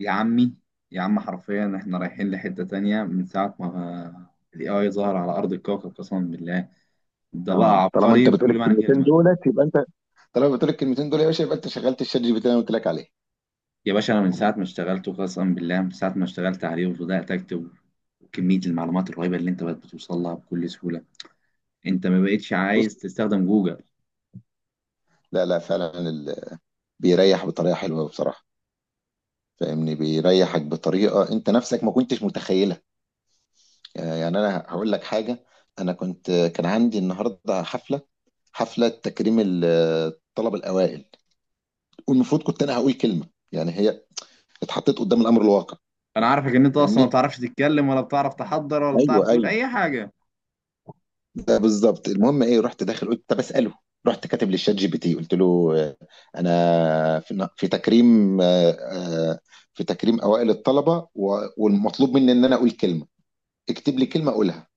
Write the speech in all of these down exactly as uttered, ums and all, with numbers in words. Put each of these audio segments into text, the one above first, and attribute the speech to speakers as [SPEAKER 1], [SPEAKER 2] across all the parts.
[SPEAKER 1] يا عمي، يا عم حرفيا احنا رايحين لحتة تانية من ساعة ما ال إيه آي ظهر على أرض الكوكب قسما بالله. ده
[SPEAKER 2] اه،
[SPEAKER 1] بقى
[SPEAKER 2] طالما انت
[SPEAKER 1] عبقري
[SPEAKER 2] بتقول
[SPEAKER 1] بكل معنى
[SPEAKER 2] الكلمتين
[SPEAKER 1] كلمة.
[SPEAKER 2] دولت يبقى انت طالما بتقول الكلمتين دول يا باشا يبقى انت شغلت الشات جي بي تي اللي انا قلت لك عليه.
[SPEAKER 1] يا باشا أنا من ساعة ما اشتغلته قسما بالله، من ساعة ما اشتغلت عليه وبدأت أكتب وكمية المعلومات الرهيبة اللي أنت بقت بتوصل لها بكل سهولة، أنت ما بقتش
[SPEAKER 2] بص.
[SPEAKER 1] عايز تستخدم جوجل.
[SPEAKER 2] لا، لا، فعلا، ال... بيريح بطريقه حلوه بصراحه. فاهمني، بيريحك بطريقه انت نفسك ما كنتش متخيلها. يعني انا هقول لك حاجه، انا كنت كان عندي النهارده حفله. حفله تكريم ال- الطلبه الاوائل، والمفروض كنت انا هقول كلمه، يعني هي اتحطيت قدام الامر الواقع.
[SPEAKER 1] أنا عارفك إن أنت أصلا ما
[SPEAKER 2] فاهمني.
[SPEAKER 1] بتعرفش تتكلم ولا بتعرف تحضر ولا
[SPEAKER 2] ايوه،
[SPEAKER 1] بتعرف تقول
[SPEAKER 2] ايوه،
[SPEAKER 1] أي حاجة.
[SPEAKER 2] ده بالظبط. المهم ايه، رحت داخل قلت طب اساله. رحت كاتب للشات جي بي تي، قلت له آه، انا في في تكريم، آه، آه، في تكريم اوائل الطلبه و- والمطلوب مني ان انا اقول كلمه، اكتب لي كلمه اقولها.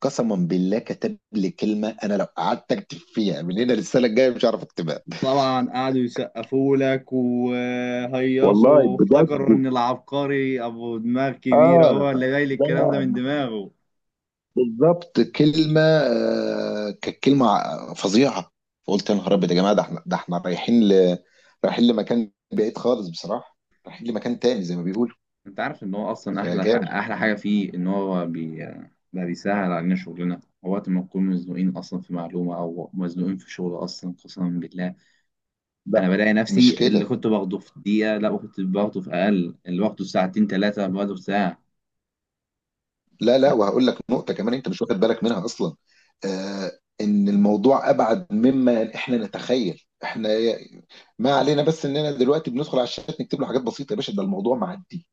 [SPEAKER 2] قسما بالله كتب لي كلمه انا لو قعدت اكتب فيها من هنا للسنه الجايه مش هعرف اكتبها.
[SPEAKER 1] طبعا قعدوا يسقفوا لك
[SPEAKER 2] والله
[SPEAKER 1] وهيصوا وافتكروا
[SPEAKER 2] بجد.
[SPEAKER 1] ان العبقري ابو دماغ كبيره
[SPEAKER 2] اه.
[SPEAKER 1] هو اللي جاي لي الكلام ده من
[SPEAKER 2] لا.
[SPEAKER 1] دماغه.
[SPEAKER 2] بالظبط كلمة آه، كانت كلمة ع- فظيعة. فقلت يا نهار أبيض يا جماعة، ده احنا، ده احنا رايحين ل... رايحين لمكان بعيد خالص بصراحة، رايحين لمكان تاني زي ما بيقولوا.
[SPEAKER 1] انت عارف ان هو اصلا احلى ح-
[SPEAKER 2] فجامد.
[SPEAKER 1] احلى حاجه فيه ان هو بي... بقى بيسهل علينا شغلنا وقت ما نكون مزنوقين اصلا في معلومه او مزنوقين في شغل اصلا قسما بالله.
[SPEAKER 2] لا
[SPEAKER 1] انا بلاقي
[SPEAKER 2] مش
[SPEAKER 1] نفسي اللي
[SPEAKER 2] كده.
[SPEAKER 1] كنت باخده في دقيقه، لا كنت باخده في اقل، اللي باخده في ساعتين ثلاثه باخده في ساعه.
[SPEAKER 2] لا، لا، وهقول لك نقطة كمان أنت مش واخد بالك منها أصلا، آه إن الموضوع أبعد مما إحنا نتخيل. إحنا ما علينا بس إننا دلوقتي بندخل على الشات نكتب له حاجات بسيطة، يا باشا ده الموضوع معدي.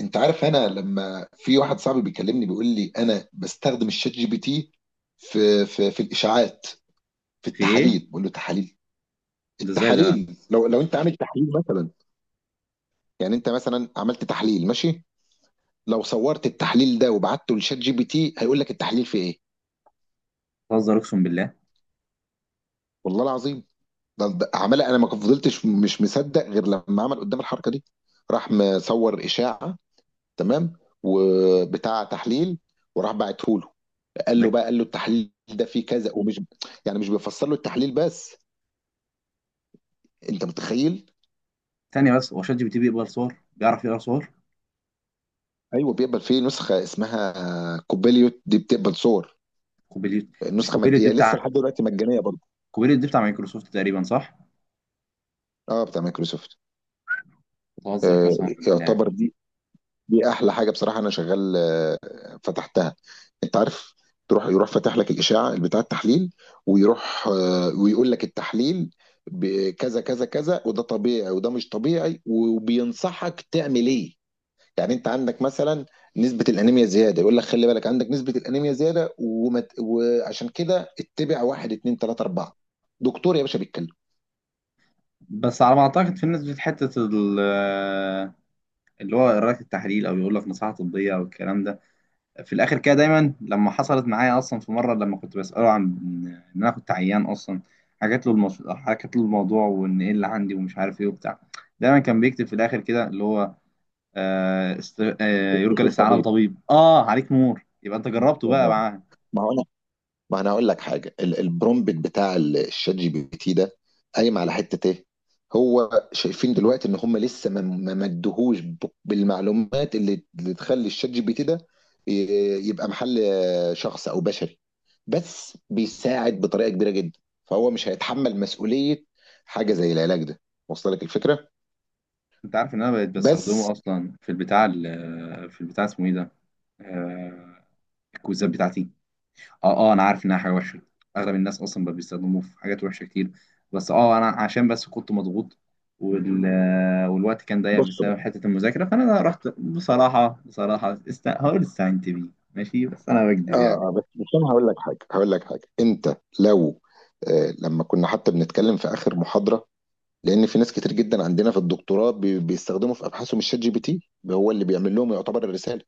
[SPEAKER 2] انت عارف، انا لما في واحد صاحبي بيكلمني بيقول لي انا بستخدم الشات جي بي تي في في في الاشاعات، في
[SPEAKER 1] في ايه؟
[SPEAKER 2] التحاليل. بقول له تحاليل.
[SPEAKER 1] ده ازاي ده؟
[SPEAKER 2] التحاليل، لو لو انت عامل تحليل مثلا، يعني انت مثلا عملت تحليل ماشي، لو صورت التحليل ده وبعته للشات جي بي تي هيقول لك التحليل فيه ايه.
[SPEAKER 1] بتهزر اقسم بالله.
[SPEAKER 2] والله العظيم. ده ده عمال، انا ما فضلتش مش مصدق غير لما عمل قدام الحركه دي. راح مصور اشاعه، تمام، وبتاع تحليل، وراح بعته له، قال
[SPEAKER 1] ده
[SPEAKER 2] له
[SPEAKER 1] ك-
[SPEAKER 2] بقى، قال له التحليل ده فيه كذا، ومش يعني، مش بيفسر له التحليل بس. انت متخيل؟
[SPEAKER 1] ثانيه بس، هو شات جي بي تي بيقبل صور، بيعرف يقرا صور؟
[SPEAKER 2] ايوه بيقبل. فيه نسخه اسمها كوبيليوت، دي بتقبل صور.
[SPEAKER 1] كوبيليت، مش
[SPEAKER 2] النسخه مج...
[SPEAKER 1] كوبيليت دي
[SPEAKER 2] يعني لسه
[SPEAKER 1] بتاع،
[SPEAKER 2] لحد دلوقتي مجانيه برضه.
[SPEAKER 1] كوبيليت دي بتاع مايكروسوفت تقريبا صح؟
[SPEAKER 2] اه، بتاع مايكروسوفت.
[SPEAKER 1] بتهزر
[SPEAKER 2] آه
[SPEAKER 1] قسما بالله.
[SPEAKER 2] يعتبر دي دي احلى حاجه بصراحه. انا شغال، آه فتحتها. انت عارف، تروح يروح فاتح لك الاشاعه بتاع التحليل، ويروح آه ويقول لك التحليل بكذا كذا كذا، وده طبيعي وده مش طبيعي، وبينصحك تعمل ايه. يعني انت عندك مثلا نسبة الانيميا زيادة، يقول لك خلي بالك عندك نسبة الانيميا زيادة، ومت... وعشان كده اتبع واحد اتنين تلاتة اربعة. دكتور يا باشا بيتكلم.
[SPEAKER 1] بس على ما اعتقد في ناس في حته ال- اللي هو قراءة التحليل او يقول لك نصيحه طبيه او الكلام ده، في الاخر كده دايما، لما حصلت معايا اصلا في مره لما كنت بساله عن ان انا كنت عيان اصلا، حكيت له المش... حكيت له الموضوع وان ايه اللي عندي ومش عارف ايه وبتاع، دايما كان بيكتب في الاخر كده اللي هو آه است... آه، يرجى
[SPEAKER 2] استشير
[SPEAKER 1] الاستعانه
[SPEAKER 2] طبيب.
[SPEAKER 1] بطبيب. اه عليك نور، يبقى انت جربته بقى
[SPEAKER 2] آه.
[SPEAKER 1] معاه.
[SPEAKER 2] ما هو انا ما انا اقول لك حاجه، ال- البرومبت بتاع ال- الشات جي بي تي ده قايم على حته ايه. هو شايفين دلوقتي ان هم لسه ما ما مدهوش ب- بالمعلومات اللي اللي تخلي الشات جي بي تي ده ي- يبقى محل آه، شخص او بشري، بس بيساعد بطريقه كبيره جدا، فهو مش هيتحمل مسؤوليه حاجه زي العلاج ده. وصل لك الفكره؟
[SPEAKER 1] انت عارف ان انا بقيت بستخدمه
[SPEAKER 2] بس.
[SPEAKER 1] اصلا في البتاع ال- في البتاع اسمه ايه ده، آه، الكويزات بتاعتي. اه اه انا عارف انها حاجه وحشه، اغلب الناس اصلا بقى بيستخدموه في حاجات وحشه كتير، بس اه انا عشان بس كنت مضغوط وال... آه، والوقت كان ضيق
[SPEAKER 2] بص بقى.
[SPEAKER 1] بسبب حته المذاكره، فانا رحت بصراحه بصراحه است... هقول استعنت بيه. ماشي بس انا بكذب
[SPEAKER 2] اه.
[SPEAKER 1] يعني.
[SPEAKER 2] آه، بس بس انا هقول لك حاجه، هقول لك حاجه انت لو آه، لما كنا حتى بنتكلم في اخر محاضره، لان في ناس كتير جدا عندنا في الدكتوراه بي- بيستخدموا في ابحاثهم الشات جي بي تي، هو اللي بيعمل لهم يعتبر الرساله.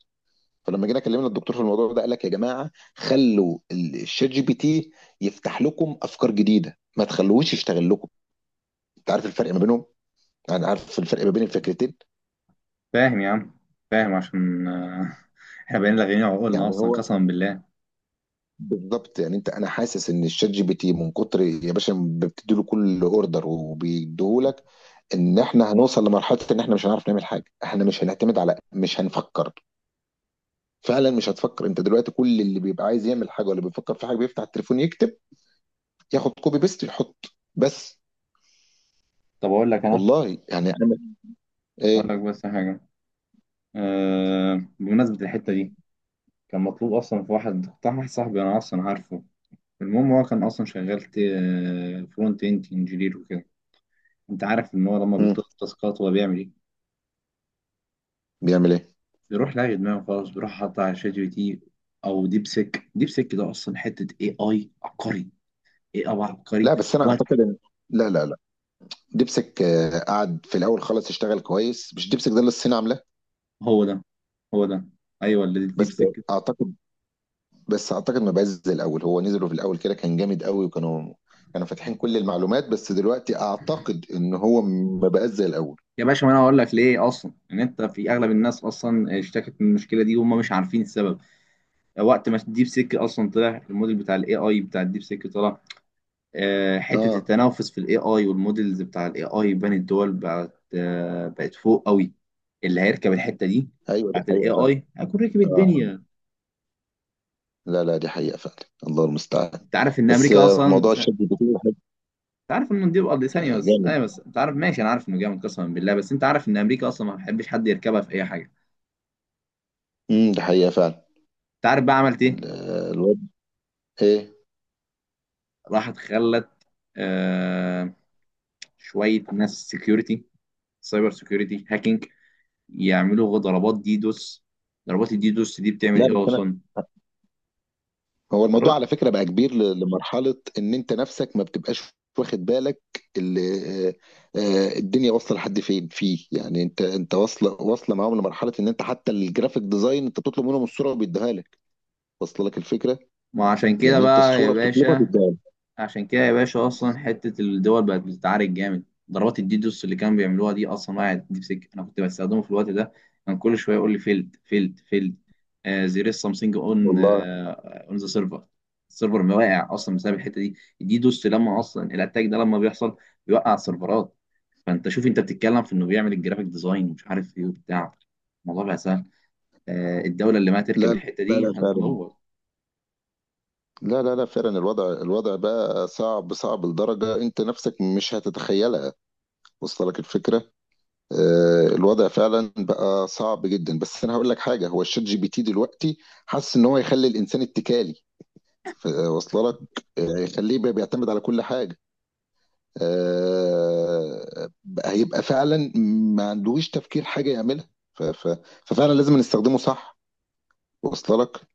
[SPEAKER 2] فلما جينا كلمنا الدكتور في الموضوع ده قال لك يا جماعه، خلوا ال- الشات جي بي تي يفتح لكم افكار جديده، ما تخلوهوش يشتغل لكم. انت عارف الفرق ما بينهم؟ يعني عارف الفرق ما بين الفكرتين؟
[SPEAKER 1] فاهم يا عم، فاهم عشان آه، احنا بقينا لاغيين
[SPEAKER 2] يعني
[SPEAKER 1] عقولنا اصلا
[SPEAKER 2] هو
[SPEAKER 1] قسما بالله.
[SPEAKER 2] بالظبط. يعني انت انا حاسس ان الشات جي بي تي من كتر يا باشا بتدي له كل اوردر وبيديهولك، ان احنا هنوصل لمرحله ان احنا مش هنعرف نعمل حاجه، احنا مش هنعتمد على، مش هنفكر. فعلا مش هتفكر. انت دلوقتي كل اللي بيبقى عايز يعمل حاجه ولا بيفكر في حاجه بيفتح التليفون يكتب، ياخد كوبي بيست يحط. بس.
[SPEAKER 1] طب اقول لك انا،
[SPEAKER 2] والله يعني اعمل
[SPEAKER 1] اقول
[SPEAKER 2] ايه.
[SPEAKER 1] لك بس حاجه. أه... بمناسبه الحته دي، كان مطلوب اصلا في واحد بتاع، واحد صاحبي انا اصلا عارفه، المهم هو كان اصلا شغال فرونت اند انجينير وكده. انت عارف ان هو لما
[SPEAKER 2] مم.
[SPEAKER 1] بيطلب تاسكات هو بيعمل ايه؟
[SPEAKER 2] بيعمل ايه.
[SPEAKER 1] بيروح لاقي دماغه خالص، بيروح حاطط على شات جي بي تي او ديب سيك. ديب سيك ده اصلا حته اي اي عبقري، اي اي عبقري.
[SPEAKER 2] لا، بس انا
[SPEAKER 1] وات-
[SPEAKER 2] اعتقد ان... لا، لا، لا، ديبسك آه، قعد في الاول خالص اشتغل كويس. مش ديبسك ده اللي الصين عاملاه.
[SPEAKER 1] هو ده، هو ده، ايوه اللي
[SPEAKER 2] بس
[SPEAKER 1] ديب سيك.
[SPEAKER 2] اعتقد، بس اعتقد ما بقاش زي الاول. هو نزلوا في الاول كده كان جامد قوي، وكانوا كانوا فاتحين كل المعلومات، بس دلوقتي اعتقد ان هو ما بقاش زي الاول.
[SPEAKER 1] يا باشا ما انا هقول لك ليه اصلا، ان انت في اغلب الناس اصلا اشتكت من المشكله دي وهم مش عارفين السبب. وقت ما الديب سيك اصلا طلع، الموديل بتاع الاي اي بتاع الديب سيك طلع، آه، حتة
[SPEAKER 2] اه.
[SPEAKER 1] التنافس في الاي اي والمودلز بتاع الاي اي بين الدول بقت، آه، بقت فوق قوي. اللي هيركب الحتة دي
[SPEAKER 2] ايوه، ده
[SPEAKER 1] بتاعت الاي
[SPEAKER 2] حقيقة فعلا.
[SPEAKER 1] اي هيكون ركب
[SPEAKER 2] اه.
[SPEAKER 1] الدنيا.
[SPEAKER 2] لا، لا، دي حقيقة فعلا. الله المستعان.
[SPEAKER 1] انت عارف ان
[SPEAKER 2] بس
[SPEAKER 1] امريكا
[SPEAKER 2] آه،
[SPEAKER 1] اصلا،
[SPEAKER 2] موضوع الشد الجزيري حلو،
[SPEAKER 1] انت عارف ان دي بقى ثانية
[SPEAKER 2] آه،
[SPEAKER 1] بس،
[SPEAKER 2] جامد.
[SPEAKER 1] ايوه بس انت عارف، ماشي انا عارف انه جامد قسما بالله، بس انت عارف ان امريكا اصلا ما بتحبش حد يركبها في اي حاجة.
[SPEAKER 2] امم دي حقيقة فعلا.
[SPEAKER 1] انت عارف بقى عملت
[SPEAKER 2] ال-
[SPEAKER 1] ايه؟
[SPEAKER 2] الواد ايه؟
[SPEAKER 1] راحت خلت آه شوية ناس سكيورتي، سايبر سكيورتي، هاكينج، يعملوا ضربات ديدوس. ضربات الديدوس دي بتعمل
[SPEAKER 2] لا بس
[SPEAKER 1] ايه
[SPEAKER 2] انا،
[SPEAKER 1] اصلا؟
[SPEAKER 2] هو الموضوع على فكرة بقى كبير ل- لمرحلة ان انت نفسك ما بتبقاش واخد بالك. اللي آه، آه، الدنيا واصلة لحد فين فيه يعني. انت انت واصلة، واصلة معاهم لمرحلة ان انت حتى الجرافيك ديزاين انت بتطلب منهم الصورة وبيديها لك. واصلة لك الفكرة؟
[SPEAKER 1] ما عشان كده
[SPEAKER 2] يعني انت
[SPEAKER 1] بقى يا
[SPEAKER 2] الصورة بتطلبها
[SPEAKER 1] باشا،
[SPEAKER 2] بيديها لك.
[SPEAKER 1] عشان كده يا باشا اصلا حته الدول بقت بتتعارك جامد. ضربات الديدوس اللي كانوا بيعملوها دي اصلا وقعت، دي في سكه انا كنت بستخدمه في الوقت ده، كان كل شويه يقول لي فيلد فيلد فيلد، زير سامثينج اون،
[SPEAKER 2] والله.
[SPEAKER 1] اون ذا سيرفر. السيرفر ما واقع اصلا بسبب الحته دي، الديدوس. لما اصلا الاتاك ده لما بيحصل بيوقع السيرفرات. فانت شوف انت بتتكلم في انه بيعمل الجرافيك ديزاين ومش عارف ايه وبتاع، الموضوع بقى سهل. آه، الدوله اللي ما تركب
[SPEAKER 2] لا،
[SPEAKER 1] الحته
[SPEAKER 2] لا،
[SPEAKER 1] دي
[SPEAKER 2] لا، فعلا.
[SPEAKER 1] هتموت.
[SPEAKER 2] لا، لا، لا، فعلا، الوضع الوضع بقى صعب صعب لدرجة انت نفسك مش هتتخيلها. وصل لك الفكرة؟ آه، الوضع فعلا بقى صعب جدا، بس انا هقول لك حاجة. هو الشات جي بي تي دلوقتي، حاسس ان هو يخلي الانسان اتكالي. ف- وصل لك. آه، يخليه بقى بيعتمد على كل حاجة. آه، بقى هيبقى فعلا ما عندوش تفكير حاجة يعملها. ف- ف- ففعلا لازم نستخدمه صح. وصل لك.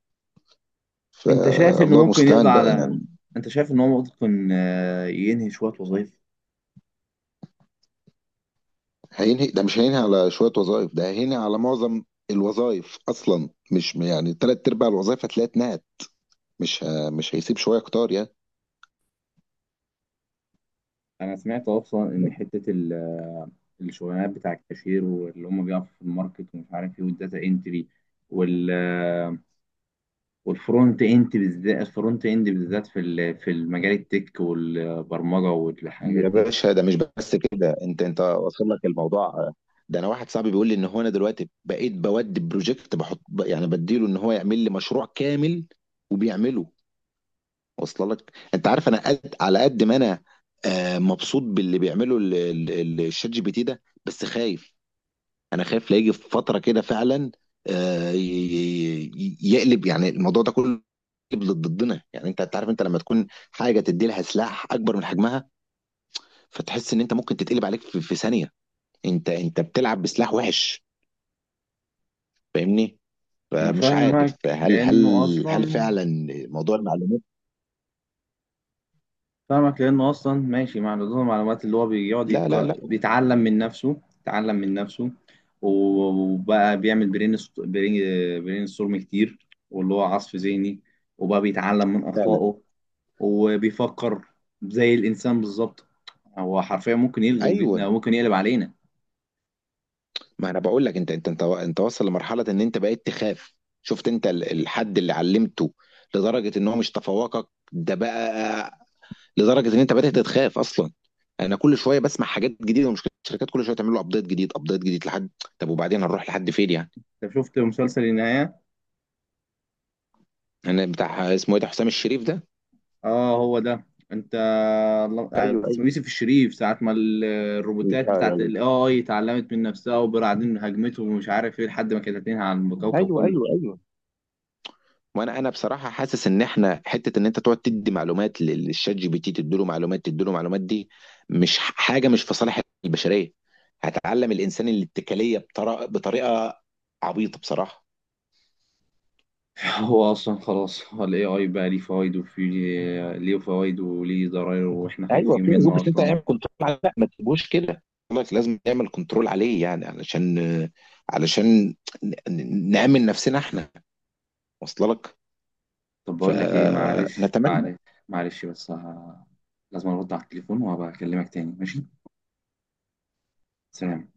[SPEAKER 1] انت شايف انه
[SPEAKER 2] فالله
[SPEAKER 1] ممكن يقضي
[SPEAKER 2] المستعان بقى
[SPEAKER 1] على،
[SPEAKER 2] يعني.
[SPEAKER 1] انت شايف ان هو ممكن آه، ينهي شويه وظائف؟
[SPEAKER 2] هينهي، ده مش هينهي على شوية وظائف، ده هينهي على معظم الوظائف أصلا. مش يعني، تلات أرباع الوظائف هتلاقيها اتنهت. مش ه... مش هيسيب شوية كتار يعني.
[SPEAKER 1] انا سمعت اصلا ان حته ال- آه، الشغلانات بتاع الكاشير واللي هم بيقفوا في الماركت ومش عارف ايه، والداتا انتري، وال آه، والفرونت اند بالذات، الفرونت اند بالذات في ال- في المجال التك والبرمجه والحاجات
[SPEAKER 2] يا
[SPEAKER 1] دي.
[SPEAKER 2] باشا ده مش بس كده، انت انت واصل لك الموضوع. ده انا واحد صاحبي بيقول لي ان هو انا دلوقتي بقيت بودي بروجكت بحط، ب- يعني بديله ان هو يعمل لي مشروع كامل، وبيعمله. واصل لك. انت عارف انا قد على قد ما انا آه، مبسوط باللي بيعمله ال- ال- ال- الشات جي بي تي ده، بس خايف. انا خايف لا يجي في فتره كده فعلا، آه، ي- ي- يقلب يعني الموضوع ده كله، يقلب ضد- ضدنا. يعني انت، أنت عارف، انت لما تكون حاجه تدي لها سلاح اكبر من حجمها، فتحس ان انت ممكن تتقلب عليك في, في ثانيه. انت انت بتلعب بسلاح وحش. فاهمني.
[SPEAKER 1] انا
[SPEAKER 2] فمش عارف
[SPEAKER 1] فاهمك
[SPEAKER 2] هل هل
[SPEAKER 1] لانه
[SPEAKER 2] هل
[SPEAKER 1] اصلا،
[SPEAKER 2] فعلا موضوع المعلومات...
[SPEAKER 1] فاهمك لأنه أصلا ماشي مع نضوج المعلومات، اللي هو بيقعد
[SPEAKER 2] لا، لا، لا،
[SPEAKER 1] يق... بيتعلم من نفسه، اتعلم من نفسه، وبقى بيعمل برين ست- برين برين ستورم كتير، واللي هو عصف ذهني، وبقى بيتعلم من
[SPEAKER 2] فعلا.
[SPEAKER 1] أخطائه وبيفكر زي الإنسان بالظبط. هو حرفيا ممكن يلغي
[SPEAKER 2] ايوه.
[SPEAKER 1] وجودنا وممكن يقلب علينا.
[SPEAKER 2] ما انا بقول لك، انت انت انت انت واصل لمرحله ان انت بقيت تخاف. شفت انت ال- الحد اللي علمته لدرجه ان هو مش تفوقك ده بقى، لدرجه ان انت بدات تخاف اصلا. انا كل شويه بسمع حاجات جديده، ومشكله الشركات كل شويه تعمل له ابديت جديد، ابديت جديد لحد. طب وبعدين هنروح لحد فين يعني؟
[SPEAKER 1] أنت شفت مسلسل النهاية؟
[SPEAKER 2] انا بتاع اسمه ايه ده، حسام الشريف ده؟
[SPEAKER 1] اه هو ده. انت، الله-
[SPEAKER 2] ايوه، ايوه،
[SPEAKER 1] اسمه يوسف الشريف، ساعة ما ال- الروبوتات
[SPEAKER 2] ايوه.
[SPEAKER 1] بتاعت الاي اي اتعلمت من نفسها وبعدين هجمته ومش عارف ايه لحد ما كانت هتنهي على الكوكب
[SPEAKER 2] ايوه،
[SPEAKER 1] كله.
[SPEAKER 2] ايوه، ايوه. وانا انا بصراحه حاسس ان احنا حته، ان انت تقعد تدي معلومات لل- للشات جي بي تي، تديله معلومات تديله معلومات، دي مش ح- حاجه مش في صالح البشريه. هتعلم الانسان الاتكاليه بطريقه، بطريقه عبيطه بصراحه.
[SPEAKER 1] هو اصلا خلاص الاي اي بقى ليه فوائد، وفي ليه فوائد وليه ضرائب، واحنا
[SPEAKER 2] أيوه،
[SPEAKER 1] خايفين
[SPEAKER 2] في أسلوب،
[SPEAKER 1] منه
[SPEAKER 2] بس أنت
[SPEAKER 1] اصلا.
[SPEAKER 2] اعمل كنترول عليه، لأ ما تسيبوش كده. بيقول لك لازم نعمل كنترول عليه، يعني علشان، علشان ن ن نأمن نفسنا إحنا. واصلة لك؟
[SPEAKER 1] طب بقول لك ايه معلش،
[SPEAKER 2] فنتمنى
[SPEAKER 1] معلش، معلش بس ه- لازم ارد على التليفون وهبقى اكلمك تاني ماشي. سلام.